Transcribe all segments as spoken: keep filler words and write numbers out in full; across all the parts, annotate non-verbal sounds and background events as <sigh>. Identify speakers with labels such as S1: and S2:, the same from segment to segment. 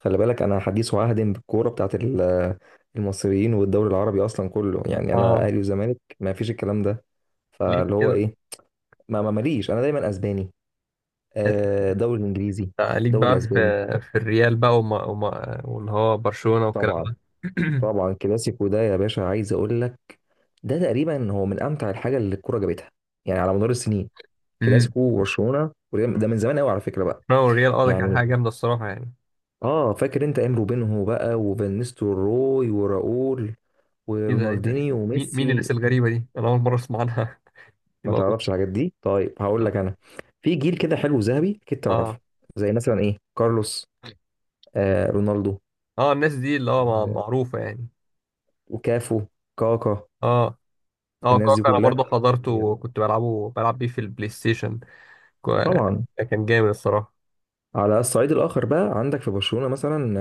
S1: خلي بالك انا حديث وعهد بالكوره بتاعت ال- المصريين والدوري العربي اصلا كله. يعني انا
S2: اه،
S1: اهلي وزمالك ما فيش الكلام ده.
S2: ليك
S1: فاللي هو
S2: كده.
S1: ايه؟ ما ما ماليش، انا دايما اسباني. آه، دوري الانجليزي،
S2: ليك
S1: دوري
S2: بقى في
S1: الاسباني.
S2: في الريال بقى وما وما واللي هو برشلونة والكلام
S1: طبعا.
S2: ده. <clears throat>
S1: طبعا كلاسيكو ده يا باشا، عايز اقول لك ده تقريبا هو من امتع الحاجه اللي الكوره جابتها، يعني على مدار السنين.
S2: امم
S1: كلاسيكو وبرشلونه وريال- ده من زمان قوي على فكره بقى.
S2: برشلونة والريال، اه، ده كان
S1: يعني
S2: حاجة جامدة الصراحة يعني.
S1: اه فاكر انت ايام روبينهو بقى، وفانيستو روي وراؤول
S2: ايه ده ايه ده.
S1: ورونالدينيو
S2: مين مين
S1: وميسي.
S2: الناس الغريبة دي؟ أنا أول مرة أسمع عنها. <laughs> دي
S1: ما
S2: موجودة؟
S1: تعرفش الحاجات دي؟ طيب هقول
S2: لا.
S1: لك انا، في جيل كده حلو ذهبي اكيد تعرفه.
S2: اه.
S1: زي مثلا ايه، كارلوس، آه رونالدو،
S2: اه، الناس دي اللي هو مع-
S1: آه
S2: معروفة يعني.
S1: وكافو، كاكا،
S2: اه. اه،
S1: الناس دي
S2: كاكا أنا
S1: كلها.
S2: برضه حضرته وكنت بلعبه بلعب بيه في البلاي ستيشن. كو-
S1: طبعا.
S2: كان جامد الصراحة.
S1: على الصعيد الاخر بقى عندك في برشلونة مثلا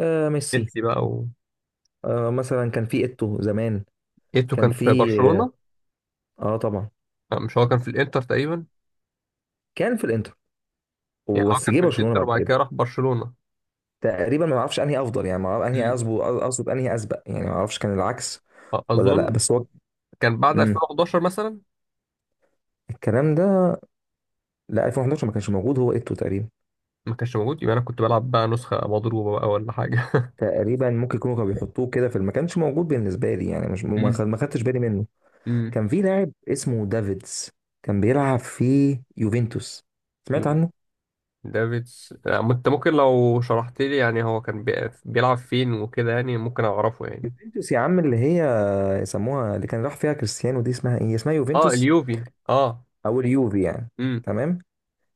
S1: آه ميسي.
S2: ميسي بقى و...
S1: آه مثلا كان في ايتو زمان.
S2: ايتو
S1: كان
S2: كان
S1: في،
S2: في
S1: اه،
S2: برشلونة.
S1: آه طبعا.
S2: آه، مش هو كان في الانتر تقريبا؟
S1: كان في الانتر،
S2: يعني هو
S1: بس
S2: كان
S1: جه
S2: في
S1: برشلونة
S2: الانتر
S1: بعد
S2: وبعد
S1: كده.
S2: كده راح برشلونة.
S1: تقريبا ما اعرفش انهي افضل، يعني ما اعرف انهي اظبط، اقصد انهي اسبق، يعني ما اعرفش كان العكس ولا لا.
S2: اظن
S1: بس هو،
S2: كان بعد
S1: امم،
S2: ألفين وحداشر مثلا.
S1: الكلام ده، لا ألفين وحداشر ما كانش موجود، هو ايتو تقريبا.
S2: ما كانش موجود؟ يبقى انا كنت بلعب بقى نسخه مضروبه بقى ولا حاجه.
S1: تقريبا ممكن يكونوا كانوا بيحطوه كده في الم- ما كانش موجود بالنسبه لي يعني. مش
S2: <laughs>
S1: ما
S2: امم
S1: خد- ما خدتش بالي منه.
S2: امم
S1: كان في لاعب اسمه دافيدز، كان بيلعب في يوفنتوس. سمعت
S2: يو،
S1: عنه؟
S2: دافيدز، آه، انت ممكن لو شرحت لي يعني هو كان بي- بيلعب فين وكده يعني ممكن اعرفه يعني.
S1: يوفنتوس يا عم اللي هي يسموها، اللي كان راح فيها كريستيانو، دي اسمها ايه، اسمها
S2: اه،
S1: يوفنتوس
S2: اليوفي، اه.
S1: او اليوفي يعني.
S2: امم.
S1: تمام.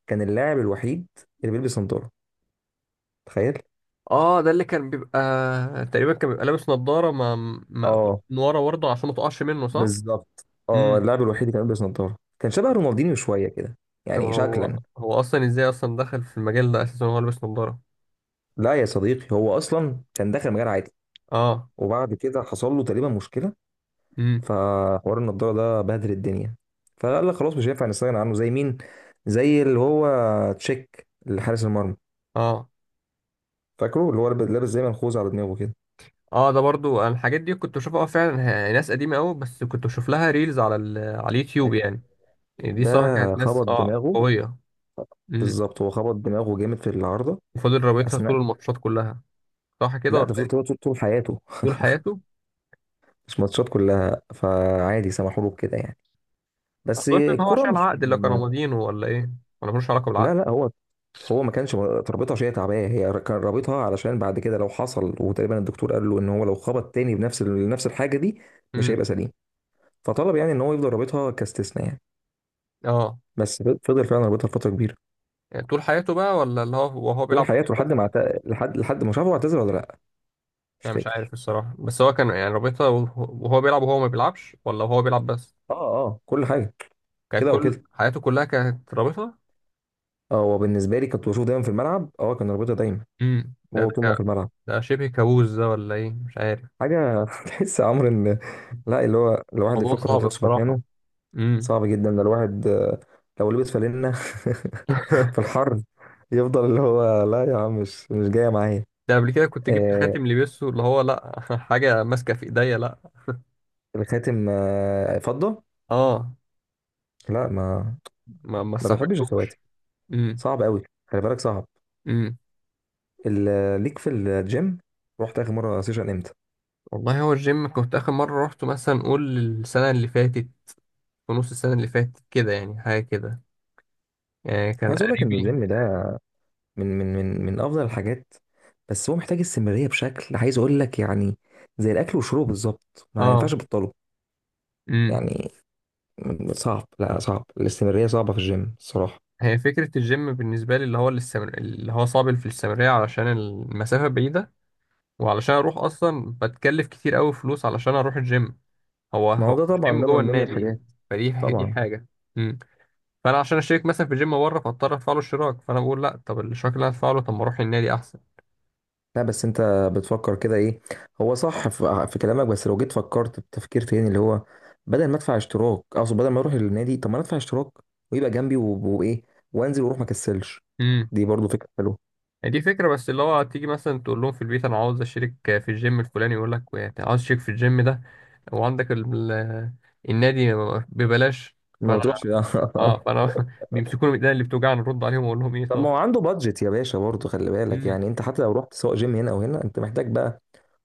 S1: كان اللاعب الوحيد اللي بيلبس نظاره، تخيل.
S2: اه، ده اللي كان بيبقى تقريبا كان بيبقى لابس نظاره، ما مقفول
S1: اه
S2: من ورا برضه عشان ما تقعش منه، صح؟
S1: بالظبط، اه
S2: امم.
S1: اللاعب الوحيد اللي كان بيلبس نظاره، كان شبه رونالدينيو شويه كده،
S2: طب
S1: يعني
S2: هو
S1: شكلا.
S2: هو اصلا ازاي اصلا دخل في المجال ده اساسا وهو لابس نظاره؟
S1: لا يا صديقي، هو اصلا كان داخل مجال عادي،
S2: اه.
S1: وبعد كده حصل له تقريبا مشكله.
S2: امم.
S1: فحوار النضاره ده بهدل الدنيا. فقال لك خلاص مش هينفع نستغنى عنه، زي مين، زي اللي هو تشيك اللي حارس المرمى.
S2: اه.
S1: فاكره اللي هو لاب- لابس زي منخوذ على دماغه كده،
S2: اه، ده برضو أنا الحاجات دي كنت بشوفها، اه فعلا. ه- ناس قديمة قوي، بس كنت بشوف لها ريلز على ال... على اليوتيوب يعني.
S1: تشيك
S2: يعني دي
S1: ده.
S2: صراحة كانت ناس
S1: خبط
S2: اه
S1: دماغه،
S2: قوية. امم.
S1: بالظبط. هو خبط دماغه جامد في العارضه
S2: وفضل رابطها طول
S1: اثناء.
S2: الماتشات كلها، صح كده
S1: لا
S2: ولا
S1: ده فضل كده
S2: ايه؟
S1: طول طول حياته
S2: طول
S1: <laughs>
S2: حياته.
S1: مش ماتشات كلها، فعادي سمحوا له بكده يعني. بس
S2: اظن ان هو
S1: الكرة
S2: عشان
S1: مش
S2: العقد اللي كان
S1: من...
S2: ماضيينه، ولا ايه؟ ولا ملوش علاقة بالعقد؟
S1: لا لا، هو هو ما كانش رابطها عشان هي تعبانه، هي كان رابطها علشان بعد كده لو حصل، وتقريبا الدكتور قال له ان هو لو خبط تاني بنفس ال- نفس الحاجه دي مش
S2: امم.
S1: هيبقى سليم. فطلب يعني ان هو يفضل رابطها كاستثناء يعني.
S2: اه.
S1: بس فضل فعلا رابطها لفتره كبيره.
S2: يعني طول حياته بقى ولا اللي هو وهو
S1: طول
S2: بيلعب كورة
S1: حياته
S2: بس؟
S1: لحد ما اعت- لحد لحد ما شافه اعتذر ولا لا، مش
S2: يعني مش عارف
S1: فاكر.
S2: الصراحة، بس هو كان يعني رابطها وهو وهو بيلعب وهو ما بيلعبش، ولا وهو بيلعب بس؟
S1: اه. اه كل حاجه.
S2: كانت
S1: كده او
S2: كل
S1: كده.
S2: حياته كلها كانت رابطها.
S1: اه هو بالنسبه لي كنت بشوفه دايما في الملعب، اه كان رابطها دايما،
S2: امم. ده
S1: وهو طول
S2: ده
S1: ما هو في الملعب.
S2: ده شبه كابوس ده، ولا ايه؟ مش عارف.
S1: حاجه <laughs> تحس يا عمرو ان، لا اللي هو الواحد اللي
S2: موضوع
S1: يفكر يحط
S2: صعب
S1: نفسه
S2: الصراحة.
S1: مكانه
S2: امم.
S1: صعب جدا. ده الواحد آه، لو لبس فالينا <laughs> في
S2: <laughs>
S1: الحر يفضل اللي هو لا يا عم، مش مش جايه معايا.
S2: ده قبل كده كنت جبت
S1: آه
S2: خاتم لبسه، اللي هو لا، <laughs> حاجة ماسكة في ايديا، لا.
S1: الخاتم، آه فضه.
S2: اه،
S1: لا، ما
S2: ما ما
S1: ما بحبش الخواتم.
S2: استحملتوش. امم.
S1: صعب قوي خلي بالك، صعب.
S2: امم.
S1: ال- ليك في الجيم، رحت اخر مره سيشن امتى؟
S2: والله هو الجيم كنت اخر مرة روحته مثلا نقول السنة اللي فاتت ونص، السنة اللي فاتت كده يعني، حاجة كده. يعني كان
S1: عايز اقول لك ان
S2: قريبي.
S1: الجيم ده من من من من افضل الحاجات، بس هو محتاج استمراريه بشكل، عايز اقول لك يعني زي الاكل والشرب بالظبط، ما ينفعش
S2: اه.
S1: تبطله
S2: امم.
S1: يعني. صعب، لا صعب، الاستمراريه صعبه في الجيم الصراحه.
S2: هي فكرة الجيم بالنسبة لي اللي هو الاستمر... اللي هو صعب في الاستمرارية علشان المسافة بعيدة، وعلشان اروح اصلا بتكلف كتير قوي فلوس علشان اروح الجيم. هو
S1: ما هو
S2: هو
S1: ده طبعا
S2: الجيم
S1: ده
S2: جوه
S1: من ضمن
S2: النادي
S1: الحاجات.
S2: يعني. فدي، دي
S1: طبعا.
S2: حاجه. امم. فانا عشان اشترك مثلا في جيم بره فاضطر ادفع له اشتراك، فانا بقول لا، طب الاشتراك اللي أنا هدفع له، طب ما اروح النادي احسن.
S1: لا بس انت بتفكر كده ايه، هو صح في, في كلامك، بس لو جيت فكرت بتفكير تاني اللي هو بدل ما ادفع اشتراك، اقصد بدل ما اروح النادي، طب ما انا ادفع اشتراك ويبقى جنبي و- وايه، وانزل واروح ما اكسلش.
S2: امم.
S1: دي برضو فكره حلوه.
S2: دي فكره، بس اللي هو تيجي مثلا تقول لهم في البيت انا عاوز اشترك في الجيم الفلاني، يقول لك يعني عاوز اشترك في الجيم ده وعندك ال... ال- النادي ببلاش. فانا،
S1: ما تروحش
S2: اه،
S1: <laughs>
S2: فانا <laughs> بيمسكوني من ايدينا اللي بتوجعني نرد عليهم واقول لهم ايه
S1: طب
S2: طب.
S1: ما هو عنده بادجت يا باشا، برضو خلي بالك
S2: امم.
S1: يعني، انت حتى لو رحت، سواء جيم هنا او هنا، انت محتاج بقى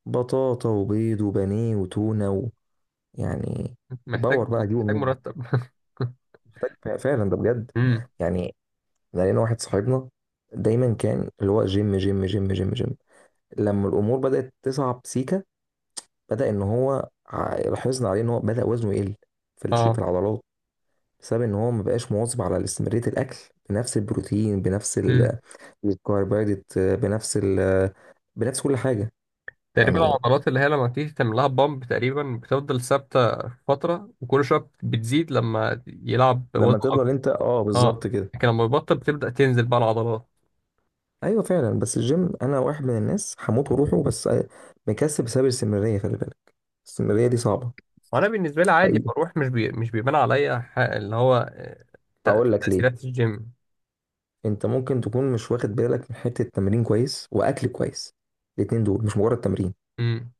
S1: بطاطا وبيض وبانيه وتونه و... يعني
S2: محتاج
S1: الباور بقى اجيبه
S2: محتاج
S1: منين؟
S2: مرتب. <laughs>
S1: محتاج فعلا ده بجد
S2: امم.
S1: يعني. لقينا واحد صاحبنا دايما كان اللي هو جيم جيم جيم جيم جيم، لما الامور بدات تصعب سيكا، بدا ان هو ع- لاحظنا عليه ان هو بدا وزنه يقل في الش- في العضلات، بسبب ان هو ما بقاش مواظب على استمراريه الاكل، بنفس البروتين، بنفس
S2: اه،
S1: ال- الكربوهيدرات، بنفس ال، بنفس كل حاجه
S2: تقريبا
S1: يعني.
S2: العضلات اللي هي لما تيجي تعمل لها بامب تقريبا بتفضل ثابته فتره، وكل شويه بتزيد لما يلعب وزن
S1: لما تفضل
S2: اكبر.
S1: انت، اه
S2: اه،
S1: بالظبط كده.
S2: لكن لما يبطل بتبدا تنزل بقى العضلات.
S1: ايوه فعلا. بس الجيم انا واحد من الناس هموت وروحه، بس مكسب بسبب الاستمراريه، خلي بالك الاستمراريه دي صعبه.
S2: وانا بالنسبه لي عادي
S1: حقيقي؟
S2: بروح، مش بي... مش بيبان عليا، ح- اللي هو آه، تأ-
S1: هقول لك ليه.
S2: تاثيرات الجيم.
S1: انت ممكن تكون مش واخد بالك من حتة تمرين كويس واكل كويس. الاتنين دول مش مجرد تمرين
S2: امم.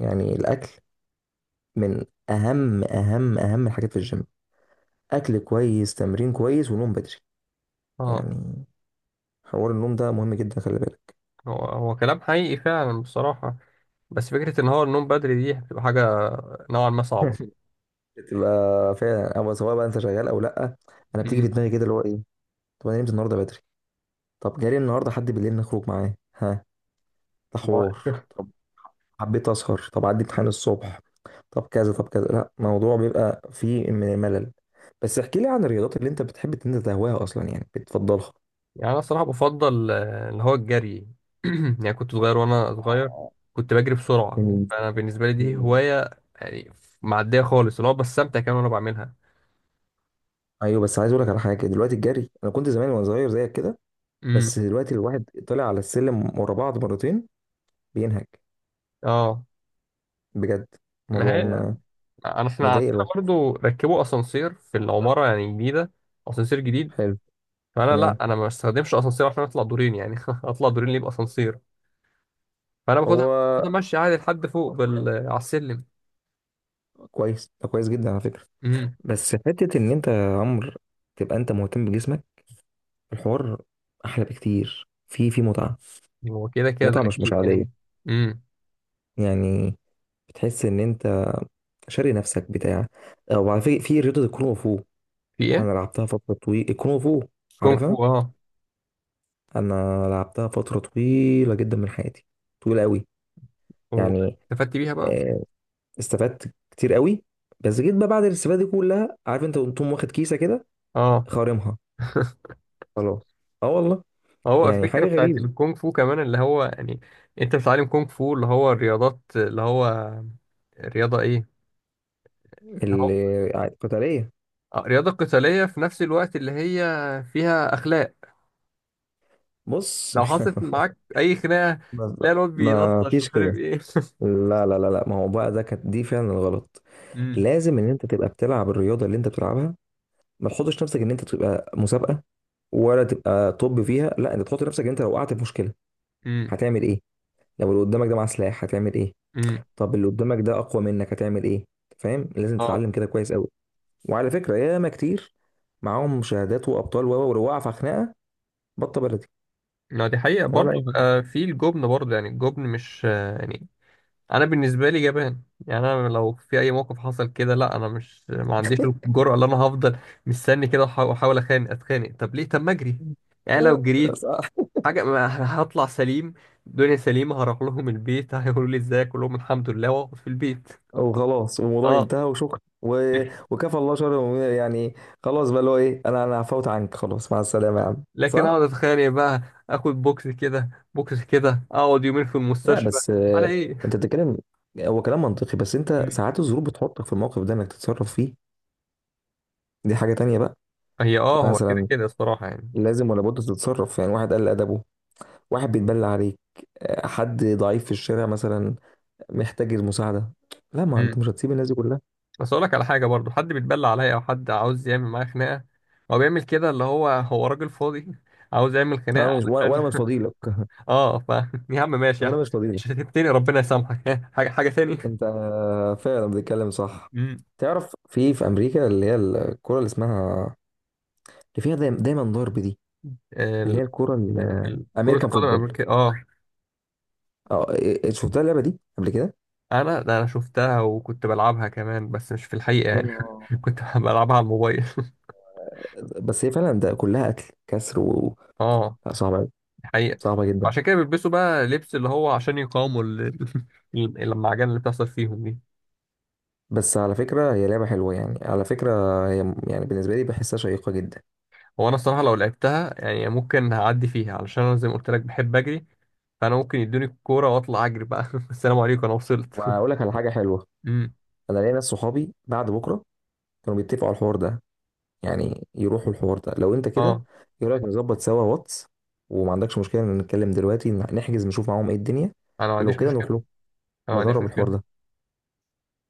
S1: يعني. الاكل من اهم اهم اهم الحاجات في الجيم. اكل كويس، تمرين كويس، ونوم بدري
S2: اه،
S1: يعني. حوار النوم ده مهم جدا، خلي بالك.
S2: هو هو كلام حقيقي فعلا بصراحه، بس فكره ان هو النوم بدري دي بتبقى حاجه نوعا ما صعبه.
S1: <laughs> بتبقى فعلا، او سواء بقى انت شغال او لا. انا بتيجي في
S2: امم.
S1: دماغي كده اللي هو ايه، طب انا نمت النهارده بدري، طب جالي النهارده حد بالليل نخرج معاه، ها ده حوار، حبيت اسهر، طب عندي امتحان الصبح، طب كذا طب كذا. لا، موضوع بيبقى فيه من ملل. بس احكي لي عن الرياضات اللي انت بتحب ان انت تهواها اصلا يعني بتفضلها.
S2: يعني انا الصراحه بفضل آه، اللي هو الجري. <clears throat> يعني كنت صغير وانا صغير
S1: آه،
S2: كنت بجري بسرعه،
S1: مم.
S2: فانا بالنسبه لي دي
S1: جامد.
S2: هوايه يعني. معديه خالص، اللي هو بستمتع كمان وانا بعملها.
S1: ايوه بس عايز اقول لك على حاجه. دلوقتي الجري، انا كنت زمان وانا صغير زيك كده،
S2: امم.
S1: بس دلوقتي الواحد طلع على السلم ورا بعض مرتين بينهج،
S2: اه،
S1: بجد.
S2: ما
S1: الموضوع
S2: هي،
S1: م-
S2: انا احنا
S1: مضايق
S2: عندنا
S1: الواحد.
S2: برضو ركبوا اسانسير في العماره يعني جديده، اسانسير جديد.
S1: حلو.
S2: فانا لا،
S1: تمام.
S2: انا ما بستخدمش اسانسير عشان اطلع دورين يعني. <laughs> اطلع دورين ليه باسانسير؟ فانا باخدها، باخدها
S1: هو
S2: ماشي عادي لحد فوق بال... على السلم.
S1: كويس ده، كويس جدا على فكره.
S2: امم.
S1: بس حته ان انت يا عمرو تبقى انت مهتم بجسمك، الحوار احلى بكتير، في في متعه.
S2: هو كده كده ده
S1: متعه مش مش
S2: اكيد
S1: عاديه
S2: يعني. امم.
S1: يعني. بتحس ان انت شاري نفسك بتاع. او على فكره، في رياضه الكونغ فو،
S2: في ايه؟
S1: انا لعبتها فتره طويله، الكونغ فو،
S2: كونغ فو،
S1: عارفها؟
S2: اه.
S1: انا لعبتها فتره طويله جدا من حياتي، طويله قوي. يعني
S2: واستفدت بيها بقى؟
S1: آه، استفدت كتير قوي. بس جيت بقى بعد الاستفاده دي كلها، عارف انت قمت واخد كيسه كده،
S2: اه.
S1: خارمها،
S2: <laughs>
S1: خلاص. اه والله.
S2: هو
S1: يعني
S2: الفكرة
S1: حاجه
S2: بتاعت
S1: غريبه.
S2: الكونغ فو كمان اللي هو يعني انت بتتعلم كونغ فو اللي هو الرياضات اللي هو رياضة ايه؟ اللي هو
S1: ال- قتاليه.
S2: آه، رياضة قتالية في نفس الوقت اللي هي فيها اخلاق.
S1: بص
S2: لو حصلت معاك اي خناقة،
S1: <laughs> ما
S2: لا الواد بيلطش
S1: ما
S2: بالظبط
S1: فيش
S2: ومش
S1: كده.
S2: عارف ايه. <laughs>
S1: لا لا لا لا، ما هو بقى ده كانت دي فعلا الغلط.
S2: امم
S1: لازم ان انت تبقى بتلعب الرياضه اللي انت بتلعبها، ما تحطش نفسك ان انت تبقى مسابقه، ولا تبقى طب فيها. لا انت تحط نفسك ان انت لو وقعت في مشكله
S2: امم
S1: هتعمل ايه؟ لو اللي قدامك ده معاه سلاح هتعمل ايه؟
S2: امم
S1: طب اللي قدامك ده اقوى منك هتعمل ايه؟ فاهم؟ لازم
S2: اه،
S1: تتعلم كده كويس قوي. وعلى فكره ياما كتير معاهم شهادات وابطال، و و- ولو وقع في خناقه بطه بلدي،
S2: ما دي حقيقة
S1: ولا
S2: برضه،
S1: اي
S2: آه، في الجبن برضه يعني، الجبن مش آه، يعني انا بالنسبه لي جبان يعني. انا لو في اي موقف حصل كده، لا انا مش، ما عنديش الجرأه اللي انا هفضل مستني كده وأحا- واحاول اتخانق، اتخانق طب ليه؟ طب ما اجري يعني. لو جريت
S1: حاجه.
S2: حاجه، ما أنا هطلع سليم، الدنيا سليمه، هروح لهم البيت. <laughs> هيقولوا لي ازيك، اقول لهم الحمد لله، واقعد في البيت.
S1: وخلاص والموضوع
S2: اه،
S1: انتهى وشكرا و... وكفى الله شر المؤمنين يعني. خلاص بقى اللي هو ايه، انا انا عفوت عنك، خلاص مع السلامه يا عم،
S2: لكن اقعد
S1: صح؟
S2: اتخانق بقى، اخد بوكس كده، بوكس كده، اقعد يومين في
S1: لا
S2: المستشفى
S1: بس
S2: على
S1: آه،
S2: ايه؟
S1: انت بتتكلم، هو كلام منطقي، بس انت
S2: مم.
S1: ساعات الظروف بتحطك في الموقف ده انك تتصرف فيه. دي حاجة تانية بقى.
S2: هي اه، هو كده
S1: مثلا
S2: كده الصراحه يعني.
S1: لازم ولا بد تتصرف، يعني واحد قل ادبه، واحد بيتبلى عليك، آه، حد ضعيف في الشارع مثلا محتاج المساعدة، لا ما انت مش هتسيب الناس دي كلها.
S2: بس اقول لك على حاجه برضو، حد بيتبلى عليا او حد عاوز يعمل معايا خناقه، هو بيعمل كده اللي هو هو راجل فاضي عاوز يعمل خناقه
S1: انا مش وانا
S2: علشان
S1: مش فاضيلك <laughs>
S2: <laughs> اه، ف، يا عم ماشي يا عم.
S1: وانا مش فاضيلك.
S2: مش هتبتني، ربنا يسامحك. <laughs> حاجه حاجه تاني.
S1: انت فعلا بتتكلم صح.
S2: امم.
S1: تعرف في في امريكا اللي هي الكرة اللي اسمها، اللي فيها دايما دايما ضرب دي، اللي هي
S2: ال...
S1: الكرة
S2: ال... كره
S1: الامريكان
S2: القدم
S1: فوتبول.
S2: الامريكيه، اه.
S1: اه إيه- شفتها اللعبة دي قبل كده؟
S2: انا ده انا شفتها وكنت بلعبها كمان، بس مش في الحقيقه
S1: يا
S2: يعني.
S1: نهار.
S2: <laughs> كنت بلعبها على الموبايل. <laughs>
S1: بس هي فعلا ده كلها قتل كسر و...
S2: اه.
S1: لا، صعبة أوي،
S2: دي حقيقه.
S1: صعبة جدا.
S2: عشان كده بيلبسوا بقى لبس اللي هو عشان يقاوموا ال- <laughs> ال- اللمعجان اللي بتحصل فيهم دي.
S1: بس على فكرة هي لعبة حلوة يعني، على فكرة هي، يعني بالنسبة لي بحسها شيقة جدا.
S2: هو انا الصراحه لو لعبتها يعني ممكن هعدي فيها، علشان انا زي ما قلت لك بحب اجري. فانا ممكن يدوني الكوره واطلع اجري بقى. <laughs> السلام عليكم انا وصلت.
S1: وأقول لك
S2: <laughs>
S1: على حاجة حلوة.
S2: امم.
S1: أنا ليا ناس صحابي بعد بكرة كانوا بيتفقوا على الحوار ده، يعني يروحوا الحوار ده، لو انت كده،
S2: اه،
S1: ايه رايك نظبط سوا واتس، وما عندكش مشكله ان نتكلم دلوقتي نحجز نشوف معاهم ايه الدنيا.
S2: انا ما
S1: ولو
S2: عنديش
S1: كده
S2: مشكله.
S1: نروح له،
S2: انا ما عنديش
S1: نجرب الحوار
S2: مشكله.
S1: ده.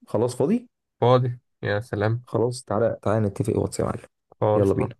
S1: خلاص فاضي.
S2: فاضي يا سلام.
S1: خلاص تعالى تعالى نتفق واتس يا معلم. يلا
S2: خالص.
S1: بينا.